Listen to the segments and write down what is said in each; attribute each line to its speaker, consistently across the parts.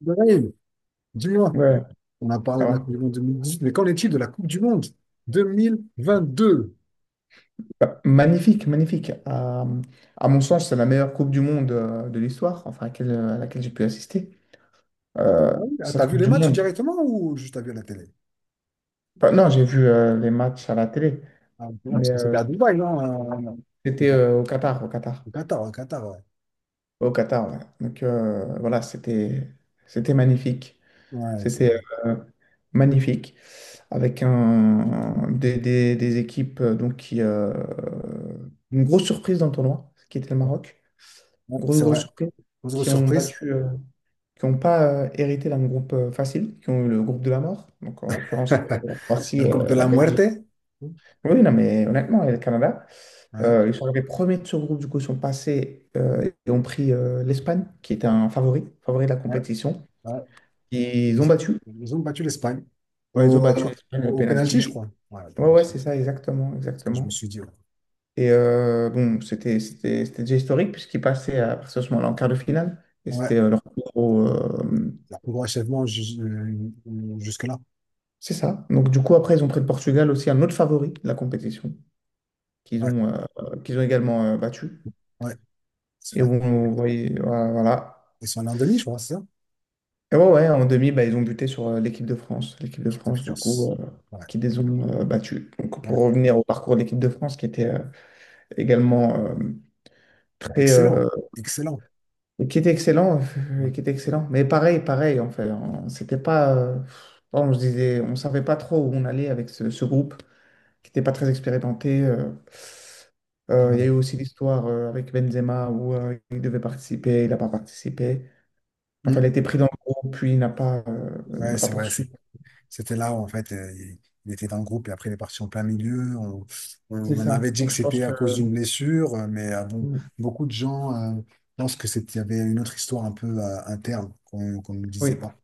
Speaker 1: Bref, dis-moi,
Speaker 2: Ouais,
Speaker 1: on a parlé
Speaker 2: ça
Speaker 1: de la Coupe
Speaker 2: va.
Speaker 1: du Monde 2018, mais qu'en est-il de la Coupe du Monde 2022?
Speaker 2: Bah, magnifique, magnifique. À mon sens, c'est la meilleure Coupe du Monde de l'histoire, enfin, à laquelle j'ai pu assister. Euh,
Speaker 1: Ah oui, ah,
Speaker 2: cette
Speaker 1: t'as vu
Speaker 2: Coupe
Speaker 1: les
Speaker 2: du
Speaker 1: matchs
Speaker 2: Monde.
Speaker 1: directement ou juste t'as vu à la télé?
Speaker 2: Bah, non, j'ai vu les matchs à la télé,
Speaker 1: Ah, ok, ouais,
Speaker 2: mais
Speaker 1: parce que c'était à Dubaï, non? euh, Au
Speaker 2: c'était
Speaker 1: Qatar,
Speaker 2: au Qatar, au Qatar.
Speaker 1: au Qatar, ouais, Qatar, ouais.
Speaker 2: Au Qatar, ouais. Donc voilà, c'était magnifique.
Speaker 1: Ouais, c'est
Speaker 2: C'était
Speaker 1: vrai.
Speaker 2: euh, magnifique. Avec des équipes donc, qui. Une grosse surprise dans le tournoi, qui était le Maroc.
Speaker 1: Ouais,
Speaker 2: Grosse,
Speaker 1: c'est
Speaker 2: grosse
Speaker 1: vrai.
Speaker 2: surprise,
Speaker 1: Autre
Speaker 2: qui ont
Speaker 1: surprise,
Speaker 2: battu, qui n'ont pas hérité d'un groupe facile, qui ont eu le groupe de la mort, donc en l'occurrence la
Speaker 1: le
Speaker 2: Croatie,
Speaker 1: groupe de
Speaker 2: la
Speaker 1: la
Speaker 2: Belgique.
Speaker 1: muerte.
Speaker 2: Oui, non, mais honnêtement, et le Canada,
Speaker 1: Ouais,
Speaker 2: ils sont arrivés premiers de ce groupe, du coup, ils sont passés et ont pris l'Espagne, qui était un favori, favori de la
Speaker 1: ouais,
Speaker 2: compétition.
Speaker 1: ouais.
Speaker 2: Ils ont
Speaker 1: Ils,
Speaker 2: battu,
Speaker 1: ils ont battu l'Espagne
Speaker 2: ouais, ils ont
Speaker 1: au,
Speaker 2: battu
Speaker 1: euh,
Speaker 2: l'Espagne
Speaker 1: au,
Speaker 2: au
Speaker 1: au penalty, je
Speaker 2: penalty.
Speaker 1: crois. Ouais, au
Speaker 2: Ouais, ouais,
Speaker 1: penalty. C'est
Speaker 2: c'est ça, exactement,
Speaker 1: ce que je me
Speaker 2: exactement.
Speaker 1: suis dit. Ouais,
Speaker 2: Et bon, c'était déjà historique, puisqu'ils passaient à partir de ce moment-là en quart de finale, et c'était
Speaker 1: ouais,
Speaker 2: leur plus gros.
Speaker 1: oui.
Speaker 2: euh,
Speaker 1: Leur plus gros jusque-là.
Speaker 2: C'est ça. Donc, du coup, après, ils ont pris le Portugal aussi, un autre favori de la compétition,
Speaker 1: Ouais,
Speaker 2: qu'ils ont également battu.
Speaker 1: ouais, c'est
Speaker 2: Et
Speaker 1: vrai.
Speaker 2: où on voyait, voilà.
Speaker 1: Ils sont allés en demi, je crois, c'est ça?
Speaker 2: Et ouais, ouais, en demi, bah, ils ont buté sur l'équipe de France. L'équipe de
Speaker 1: Équipe de
Speaker 2: France, du
Speaker 1: France.
Speaker 2: coup,
Speaker 1: Ouais,
Speaker 2: qui les ont battus. Donc,
Speaker 1: voilà.
Speaker 2: pour revenir au parcours de l'équipe de France, qui était également très.
Speaker 1: Excellent,
Speaker 2: euh,
Speaker 1: excellent.
Speaker 2: Qui était excellent, qui était excellent. Mais pareil, pareil, en fait, hein. C'était pas. On se disait, on savait pas trop où on allait avec ce groupe qui n'était pas très expérimenté. Il y a
Speaker 1: Ouais,
Speaker 2: eu aussi l'histoire avec Benzema où il devait participer, il n'a pas participé. Enfin, il a
Speaker 1: mm.
Speaker 2: été pris dans le groupe, puis il n'a pas, euh,
Speaker 1: Ouais,
Speaker 2: n'a pas
Speaker 1: c'est vrai, c'est...
Speaker 2: poursuivi.
Speaker 1: C'était là où, en fait, il était dans le groupe et après, il est parti en plein milieu. On, on
Speaker 2: C'est
Speaker 1: on
Speaker 2: ça.
Speaker 1: avait dit
Speaker 2: Donc,
Speaker 1: que
Speaker 2: je pense
Speaker 1: c'était à
Speaker 2: que
Speaker 1: cause d'une blessure, mais bon, beaucoup de gens pensent que c'était, il y avait une autre histoire un peu interne qu'on ne disait
Speaker 2: oui.
Speaker 1: pas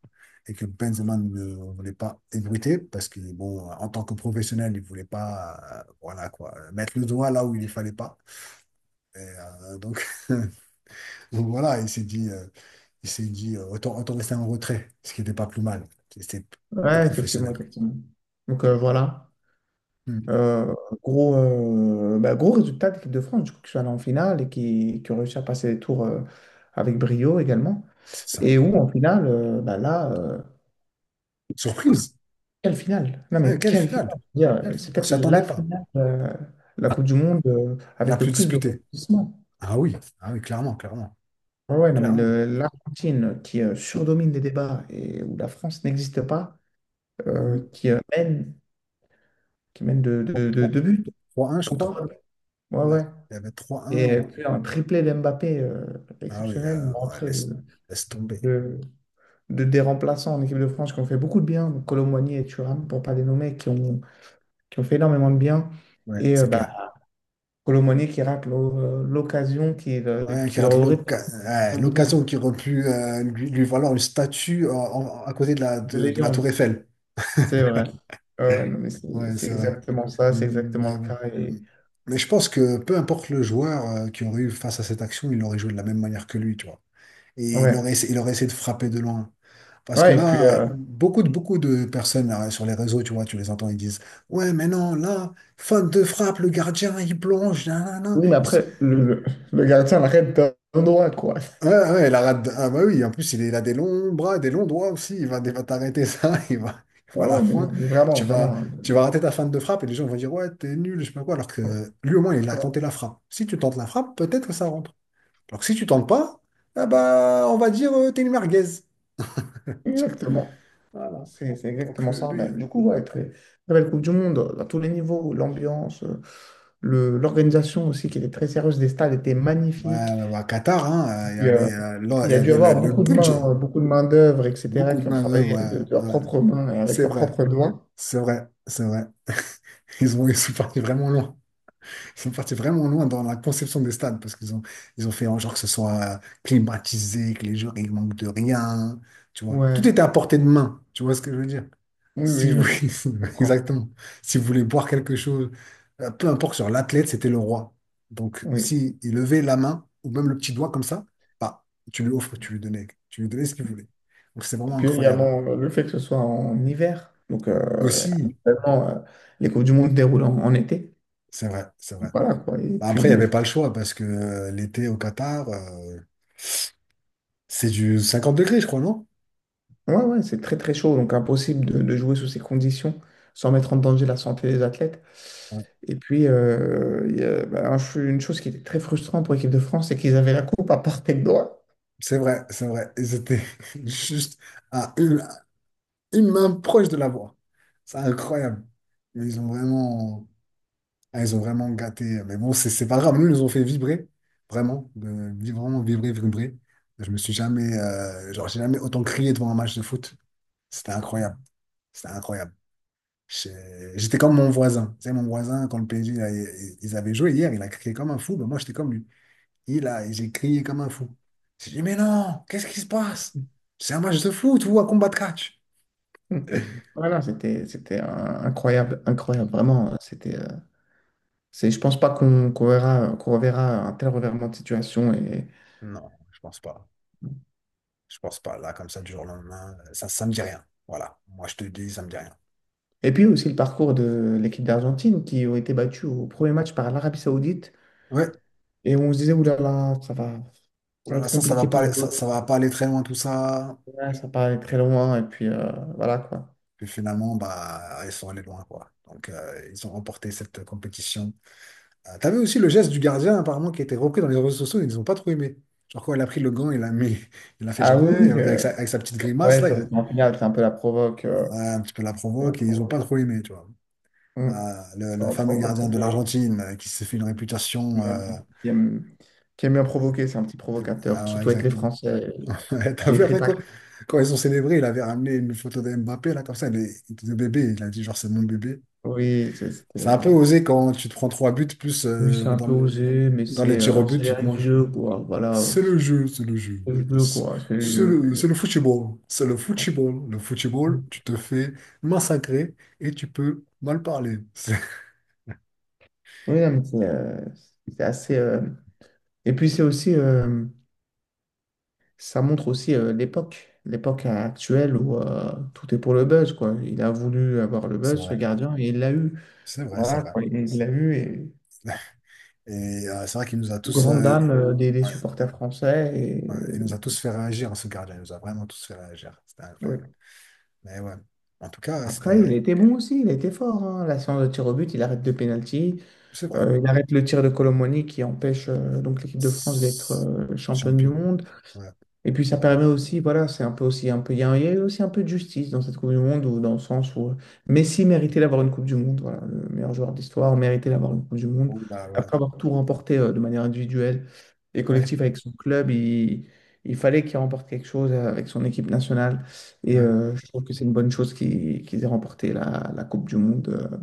Speaker 1: et que Benzema ne voulait pas ébruiter parce que, bon, en tant que professionnel, il voulait pas, voilà quoi, mettre le doigt là où il ne fallait pas. Et donc, donc voilà, il s'est dit autant, autant rester en retrait, ce qui n'était pas plus mal. C'était plus
Speaker 2: Ouais, effectivement,
Speaker 1: professionnel, quoi.
Speaker 2: effectivement. Donc, voilà.
Speaker 1: Hmm.
Speaker 2: Euh, gros, bah, gros résultat de l'équipe de France, du coup, qui sont allés en finale et qui ont réussi à passer les tours avec brio également.
Speaker 1: C'est ça.
Speaker 2: Et où, en finale, bah, là,
Speaker 1: Surprise!
Speaker 2: quelle finale? Non,
Speaker 1: Ouais,
Speaker 2: mais
Speaker 1: quelle
Speaker 2: quelle
Speaker 1: finale!
Speaker 2: finale? Je veux
Speaker 1: Quelle
Speaker 2: dire,
Speaker 1: finale.
Speaker 2: c'est
Speaker 1: On
Speaker 2: peut-être
Speaker 1: s'y attendait
Speaker 2: la
Speaker 1: pas.
Speaker 2: finale la Coupe du Monde
Speaker 1: La
Speaker 2: avec le
Speaker 1: plus
Speaker 2: plus de
Speaker 1: disputée.
Speaker 2: rebondissements.
Speaker 1: Ah oui, ah oui, clairement, clairement.
Speaker 2: Ouais, ouais, non, mais
Speaker 1: Clairement.
Speaker 2: l'Argentine qui surdomine les débats et où la France n'existe pas,
Speaker 1: Hmm.
Speaker 2: qui mène, qui mène de,
Speaker 1: Bon,
Speaker 2: de, de-
Speaker 1: bon,
Speaker 2: deux buts
Speaker 1: 3-1, je
Speaker 2: ou
Speaker 1: crois.
Speaker 2: trois buts. Ouais,
Speaker 1: Ouais,
Speaker 2: ouais.
Speaker 1: il y avait trois
Speaker 2: Et
Speaker 1: un.
Speaker 2: puis un triplé d'Mbappé
Speaker 1: Ah oui,
Speaker 2: exceptionnel, une
Speaker 1: ouais,
Speaker 2: rentrée
Speaker 1: laisse, laisse tomber.
Speaker 2: de, des remplaçants en équipe de France qui ont fait beaucoup de bien, donc Colomboigny et Thuram, pour pas les nommer, qui ont fait énormément de bien.
Speaker 1: Ouais,
Speaker 2: Et
Speaker 1: c'est
Speaker 2: bah,
Speaker 1: clair.
Speaker 2: Colomoni qui rate l'occasion qu'il
Speaker 1: Ouais, qui
Speaker 2: qu'il
Speaker 1: rate
Speaker 2: aurait
Speaker 1: ouais,
Speaker 2: perdu là,
Speaker 1: l'occasion qui aurait pu lui, lui valoir une statue à côté
Speaker 2: de
Speaker 1: de la tour
Speaker 2: légende.
Speaker 1: Eiffel.
Speaker 2: C'est vrai. Ouais, ouais, non, mais c'est
Speaker 1: Ouais,
Speaker 2: c'est
Speaker 1: c'est vrai.
Speaker 2: exactement ça, c'est
Speaker 1: Hmm,
Speaker 2: exactement
Speaker 1: mais
Speaker 2: le
Speaker 1: bon.
Speaker 2: cas.
Speaker 1: Hmm.
Speaker 2: Et...
Speaker 1: Mais je pense que peu importe le joueur qui aurait eu face à cette action, il aurait joué de la même manière que lui, tu vois. Et il aurait,
Speaker 2: ouais.
Speaker 1: il aurait essayé de frapper de loin. Parce que
Speaker 2: Ouais, et puis,
Speaker 1: là, beaucoup de personnes là, sur les réseaux, tu vois, tu les entends, ils disent, ouais, mais non, là, faute de frappe, le gardien, il plonge, nanana.
Speaker 2: oui, mais
Speaker 1: Ils se-.
Speaker 2: après, le gardien l'arrête d'un droit, quoi.
Speaker 1: Ouais, ouais, la rate. Ah, bah oui, en plus, il a des longs bras, des longs doigts aussi. Il va t'arrêter ça, il
Speaker 2: Ouais,
Speaker 1: va la
Speaker 2: ouais, mais, non,
Speaker 1: prendre.
Speaker 2: mais vraiment,
Speaker 1: Tu vas,
Speaker 2: vraiment.
Speaker 1: tu vas rater ta fin de frappe et les gens vont dire, ouais, t'es nul, je sais pas quoi. Alors
Speaker 2: euh,
Speaker 1: que lui, au moins, il a
Speaker 2: ouais,
Speaker 1: tenté la frappe. Si tu tentes la frappe, peut-être que ça rentre. Alors que si tu tentes pas, ah bah, on va dire, t'es une merguez.
Speaker 2: exactement.
Speaker 1: Voilà.
Speaker 2: C'est
Speaker 1: Donc,
Speaker 2: exactement ça. Ben,
Speaker 1: lui.
Speaker 2: du coup, ouais, très, très belle Coupe du Monde, à tous les niveaux, l'ambiance, l'organisation aussi, qui était très sérieuse des stades, était
Speaker 1: Ouais,
Speaker 2: magnifique.
Speaker 1: ouais, ouais, Qatar, hein, il y avait, là,
Speaker 2: Il
Speaker 1: il
Speaker 2: y
Speaker 1: y
Speaker 2: a dû
Speaker 1: avait
Speaker 2: avoir
Speaker 1: le
Speaker 2: beaucoup de
Speaker 1: budget.
Speaker 2: mains, beaucoup de main-d'œuvre, etc.,
Speaker 1: Beaucoup de
Speaker 2: qui ont
Speaker 1: main-d'œuvre,
Speaker 2: travaillé avec
Speaker 1: ouais,
Speaker 2: de leurs
Speaker 1: ouais.
Speaker 2: propres mains et avec
Speaker 1: C'est
Speaker 2: leurs
Speaker 1: vrai,
Speaker 2: propres doigts.
Speaker 1: c'est vrai, c'est vrai. Ils ont, ils sont partis vraiment loin. Ils sont partis vraiment loin dans la conception des stades parce qu'ils ont, ils ont fait en genre que ce soit climatisé, que les joueurs, ils manquent de rien. Tu vois, tout
Speaker 2: Ouais,
Speaker 1: était à portée de main. Tu vois ce que je veux dire?
Speaker 2: oui,
Speaker 1: Si
Speaker 2: oui,
Speaker 1: vous,
Speaker 2: non, mais je comprends.
Speaker 1: exactement. Si vous voulez boire quelque chose, peu importe sur l'athlète, c'était le roi. Donc,
Speaker 2: Oui.
Speaker 1: si il levait la main ou même le petit doigt comme ça, bah, tu lui offres, tu lui donnais ce qu'il voulait. Donc, c'est
Speaker 2: Et
Speaker 1: vraiment
Speaker 2: puis
Speaker 1: incroyable.
Speaker 2: également le fait que ce soit en hiver. Donc,
Speaker 1: Aussi,
Speaker 2: habituellement, les Coupes du Monde se déroulent en, en été.
Speaker 1: c'est vrai, c'est vrai.
Speaker 2: Voilà, quoi. Et
Speaker 1: Bah, après, il n'y
Speaker 2: puis,
Speaker 1: avait pas le choix parce que l'été au Qatar, c'est du 50 degrés, je crois, non?
Speaker 2: ouais, ouais, c'est très, très chaud. Donc, impossible de jouer sous ces conditions sans mettre en danger la santé des athlètes.
Speaker 1: Ouais.
Speaker 2: Et puis, il y a, bah, une chose qui était très frustrante pour l'équipe de France, c'est qu'ils avaient la coupe à portée de doigts.
Speaker 1: C'est vrai, c'est vrai. Ils étaient juste à une main proche de la voie. C'est incroyable. Ils ont vraiment. Ah, ils ont vraiment gâté. Mais bon, c'est pas grave. Nous, ils nous ont fait vibrer. Vraiment. Vraiment vibrer, vibrer. Je me suis jamais, genre, j'ai jamais autant crié devant un match de foot. C'était incroyable. C'était incroyable. J'étais comme mon voisin. Tu sais, mon voisin, quand le PSG, là, ils avaient joué hier, il a crié comme un fou. Ben, moi, j'étais comme lui. Il a, j'ai crié comme un fou. J'ai dit, mais non, qu'est-ce qui se passe? C'est un match de foot ou un combat de catch?
Speaker 2: Hmm. Voilà, c'était incroyable, incroyable,
Speaker 1: N-.
Speaker 2: vraiment. C'est, je pense pas qu'on verra, qu'on reverra un tel revirement de situation.
Speaker 1: Non, je pense pas. Je pense pas. Là, comme ça, du jour au lendemain, ça, ça me dit rien. Voilà. Moi, je te dis, ça me dit rien.
Speaker 2: Et puis aussi le parcours de l'équipe d'Argentine qui ont été battus au premier match par l'Arabie Saoudite.
Speaker 1: Ouais,
Speaker 2: Et on se disait, oulala,
Speaker 1: oh
Speaker 2: ça
Speaker 1: là
Speaker 2: va
Speaker 1: là,
Speaker 2: être
Speaker 1: ça va
Speaker 2: compliqué
Speaker 1: pas,
Speaker 2: pour eux.
Speaker 1: ça, ça va pas aller très loin tout ça.
Speaker 2: Ouais, ça va aller très loin. Et puis voilà quoi.
Speaker 1: Puis finalement, bah, ils sont allés loin, quoi. Donc, ils ont remporté cette compétition. T'as aussi le geste du gardien, apparemment, qui a été repris dans les réseaux sociaux, ils n'ont pas trop aimé. Genre, quoi, il a pris le gant, il a mis, il a fait
Speaker 2: Ah
Speaker 1: genre,
Speaker 2: oui, oui,
Speaker 1: avec sa petite grimace,
Speaker 2: ouais,
Speaker 1: là, il
Speaker 2: ça,
Speaker 1: a,
Speaker 2: c'est en finale, c'est un peu la provoque.
Speaker 1: ouais,
Speaker 2: euh,
Speaker 1: un petit peu la
Speaker 2: la
Speaker 1: provoque, et ils n'ont pas
Speaker 2: provoque.
Speaker 1: trop aimé, tu vois.
Speaker 2: Hmm,
Speaker 1: Le
Speaker 2: la
Speaker 1: fameux
Speaker 2: provoque.
Speaker 1: gardien de l'Argentine, qui s'est fait une
Speaker 2: Oui,
Speaker 1: réputation,
Speaker 2: Qui aime, qui aime bien provoquer, c'est un petit provocateur,
Speaker 1: ouais, ouais,
Speaker 2: surtout avec les
Speaker 1: exactement.
Speaker 2: Français.
Speaker 1: Ouais, t'as
Speaker 2: Il est
Speaker 1: vu
Speaker 2: très
Speaker 1: après
Speaker 2: tac-
Speaker 1: quoi? Quand ils ont célébré, il avait ramené une photo de Mbappé, là, comme ça, le, de bébé. Il a dit, genre, c'est mon bébé.
Speaker 2: Oui,
Speaker 1: C'est
Speaker 2: c'était,
Speaker 1: un peu
Speaker 2: voilà.
Speaker 1: osé quand tu te prends trois buts, plus
Speaker 2: Oui, c'est un
Speaker 1: dans,
Speaker 2: peu osé, mais
Speaker 1: dans les tirs au but,
Speaker 2: c'est les
Speaker 1: tu te
Speaker 2: règles du
Speaker 1: manges.
Speaker 2: jeu, quoi. Voilà,
Speaker 1: C'est le jeu, c'est le jeu.
Speaker 2: c'est le jeu,
Speaker 1: C'est
Speaker 2: quoi. C'est le
Speaker 1: c'est
Speaker 2: jeu.
Speaker 1: le,
Speaker 2: Puis,
Speaker 1: c'est le football. C'est le football. Le football, tu te fais massacrer et tu peux mal parler. C'est-.
Speaker 2: oui, non, mais c'est assez. Et puis, c'est aussi. Ça montre aussi l'époque, l'époque actuelle où tout est pour le buzz, quoi. Il a voulu avoir le buzz, ce
Speaker 1: Vrai,
Speaker 2: gardien, et il l'a eu.
Speaker 1: c'est vrai, c'est
Speaker 2: Voilà,
Speaker 1: vrai.
Speaker 2: quoi, il
Speaker 1: C'est
Speaker 2: l'a
Speaker 1: vrai.
Speaker 2: eu, et
Speaker 1: Et c'est vrai qu'il nous a tous,
Speaker 2: grande
Speaker 1: euh...
Speaker 2: dame des
Speaker 1: Ouais,
Speaker 2: supporters français. Et...
Speaker 1: ouais. Il nous a tous fait réagir, hein, ce gardien. Il nous a vraiment tous fait réagir. C'était
Speaker 2: oui.
Speaker 1: incroyable. Mais ouais. En tout cas,
Speaker 2: Après, il
Speaker 1: c'était...
Speaker 2: était bon aussi, il était fort, hein. La séance de tir au but, il arrête deux pénaltys.
Speaker 1: C'est vrai.
Speaker 2: Il arrête le tir de Colomoni qui empêche donc l'équipe de France d'être
Speaker 1: C'est-.
Speaker 2: championne du
Speaker 1: Champion.
Speaker 2: monde.
Speaker 1: Ouais,
Speaker 2: Et puis
Speaker 1: c'est
Speaker 2: ça
Speaker 1: vrai.
Speaker 2: permet aussi, voilà, c'est un peu aussi un peu, il y a aussi un peu de justice dans cette Coupe du Monde, ou dans le sens où Messi méritait d'avoir une Coupe du Monde, voilà, le meilleur joueur d'histoire méritait d'avoir une Coupe du Monde.
Speaker 1: Bon, bah ouais.
Speaker 2: Après avoir tout remporté de manière individuelle et
Speaker 1: Ouais,
Speaker 2: collective avec son club, il fallait qu'il remporte quelque chose avec son équipe nationale. Et je trouve que c'est une bonne chose qu'ils aient remporté la Coupe du Monde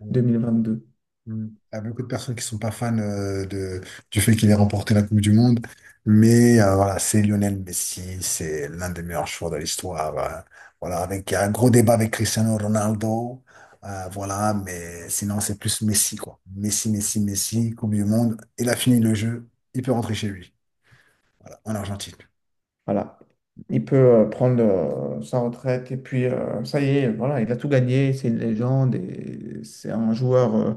Speaker 1: ouais.
Speaker 2: 2022.
Speaker 1: Mm. Il y a beaucoup de personnes qui sont pas fans du fait qu'il ait remporté la Coupe du Monde. Mais voilà, c'est Lionel Messi, c'est l'un des meilleurs joueurs de l'histoire. Voilà, avec il y a un gros débat avec Cristiano Ronaldo. Voilà, mais sinon, c'est plus Messi, quoi. Messi, Messi, Messi, Coupe du Monde. Il a fini le jeu, il peut rentrer chez lui, voilà, en Argentine.
Speaker 2: Voilà. Il peut prendre sa retraite et puis ça y est, voilà, il a tout gagné, c'est une légende et c'est un joueur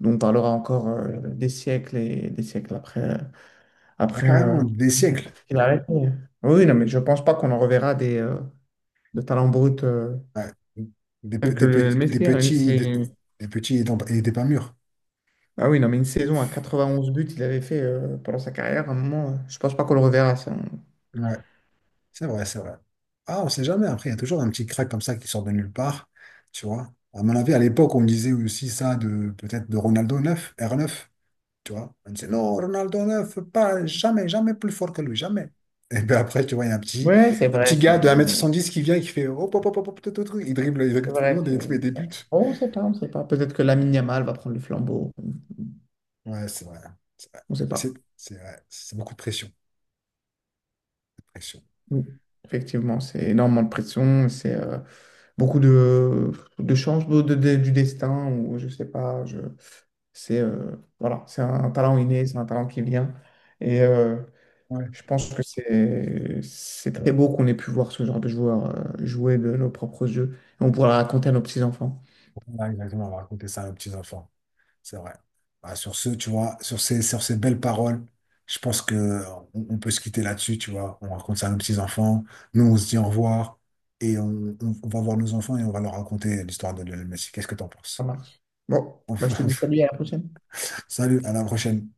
Speaker 2: dont on parlera encore des siècles et des siècles après,
Speaker 1: Ah,
Speaker 2: après euh,
Speaker 1: carrément, des siècles.
Speaker 2: qu'il a arrêté. Oui, oui, non, mais je pense pas qu'on en reverra de talents bruts
Speaker 1: Ouais. Des,
Speaker 2: tels que
Speaker 1: des,
Speaker 2: le Messi, hein,
Speaker 1: des petits et des pas mûrs.
Speaker 2: ah oui, non, mais une saison à 91 buts, il avait fait pendant sa carrière, à un moment, je pense pas qu'on le reverra. Ça.
Speaker 1: Ouais, c'est vrai, c'est vrai. Ah, on sait jamais. Après, il y a toujours un petit crack comme ça qui sort de nulle part, tu vois. À mon avis, à l'époque, on me disait aussi ça de peut-être de Ronaldo neuf, r neuf, tu vois. On disait non, Ronaldo 9 pas jamais, jamais plus fort que lui, jamais. Et puis après, tu vois, il y a
Speaker 2: Ouais,
Speaker 1: un petit
Speaker 2: c'est
Speaker 1: gars de un
Speaker 2: vrai,
Speaker 1: mètre
Speaker 2: mais.
Speaker 1: soixante dix qui vient et qui fait hop, hop, hop, hop, hop, tout, tout, tout. Il dribble, il dribble tout le
Speaker 2: Vrai
Speaker 1: monde et il met
Speaker 2: que-
Speaker 1: des buts.
Speaker 2: On ne sait pas, on ne sait pas. Peut-être que Lamine Yamal va prendre le flambeau. On
Speaker 1: Ouais, c'est vrai, c'est vrai.
Speaker 2: ne sait
Speaker 1: Mais c'est
Speaker 2: pas.
Speaker 1: c'est vrai, c'est beaucoup de pression. Pression.
Speaker 2: Oui. Effectivement, c'est énormément de pression. C'est beaucoup de, de changements du destin ou je ne sais pas. C'est voilà, c'est un talent inné, c'est un talent qui vient. Et
Speaker 1: Ouais.
Speaker 2: je pense que c'est très beau qu'on ait pu voir ce genre de joueurs jouer de nos propres jeux. On pourra raconter à nos petits-enfants.
Speaker 1: Voilà, exactement, on va raconter ça aux petits-enfants. C'est vrai. Bah, sur ce, tu vois, sur ces belles paroles, je pense que on peut se quitter là-dessus, tu vois. On raconte ça à nos petits-enfants. Nous, on se dit au revoir et on, on va voir nos enfants et on va leur raconter l'histoire de Lionel Messi. Qu'est-ce que t'en
Speaker 2: Ça
Speaker 1: penses?
Speaker 2: marche. Bon, bah, je te
Speaker 1: Enfin,
Speaker 2: dis salut, à la prochaine.
Speaker 1: salut, à la prochaine.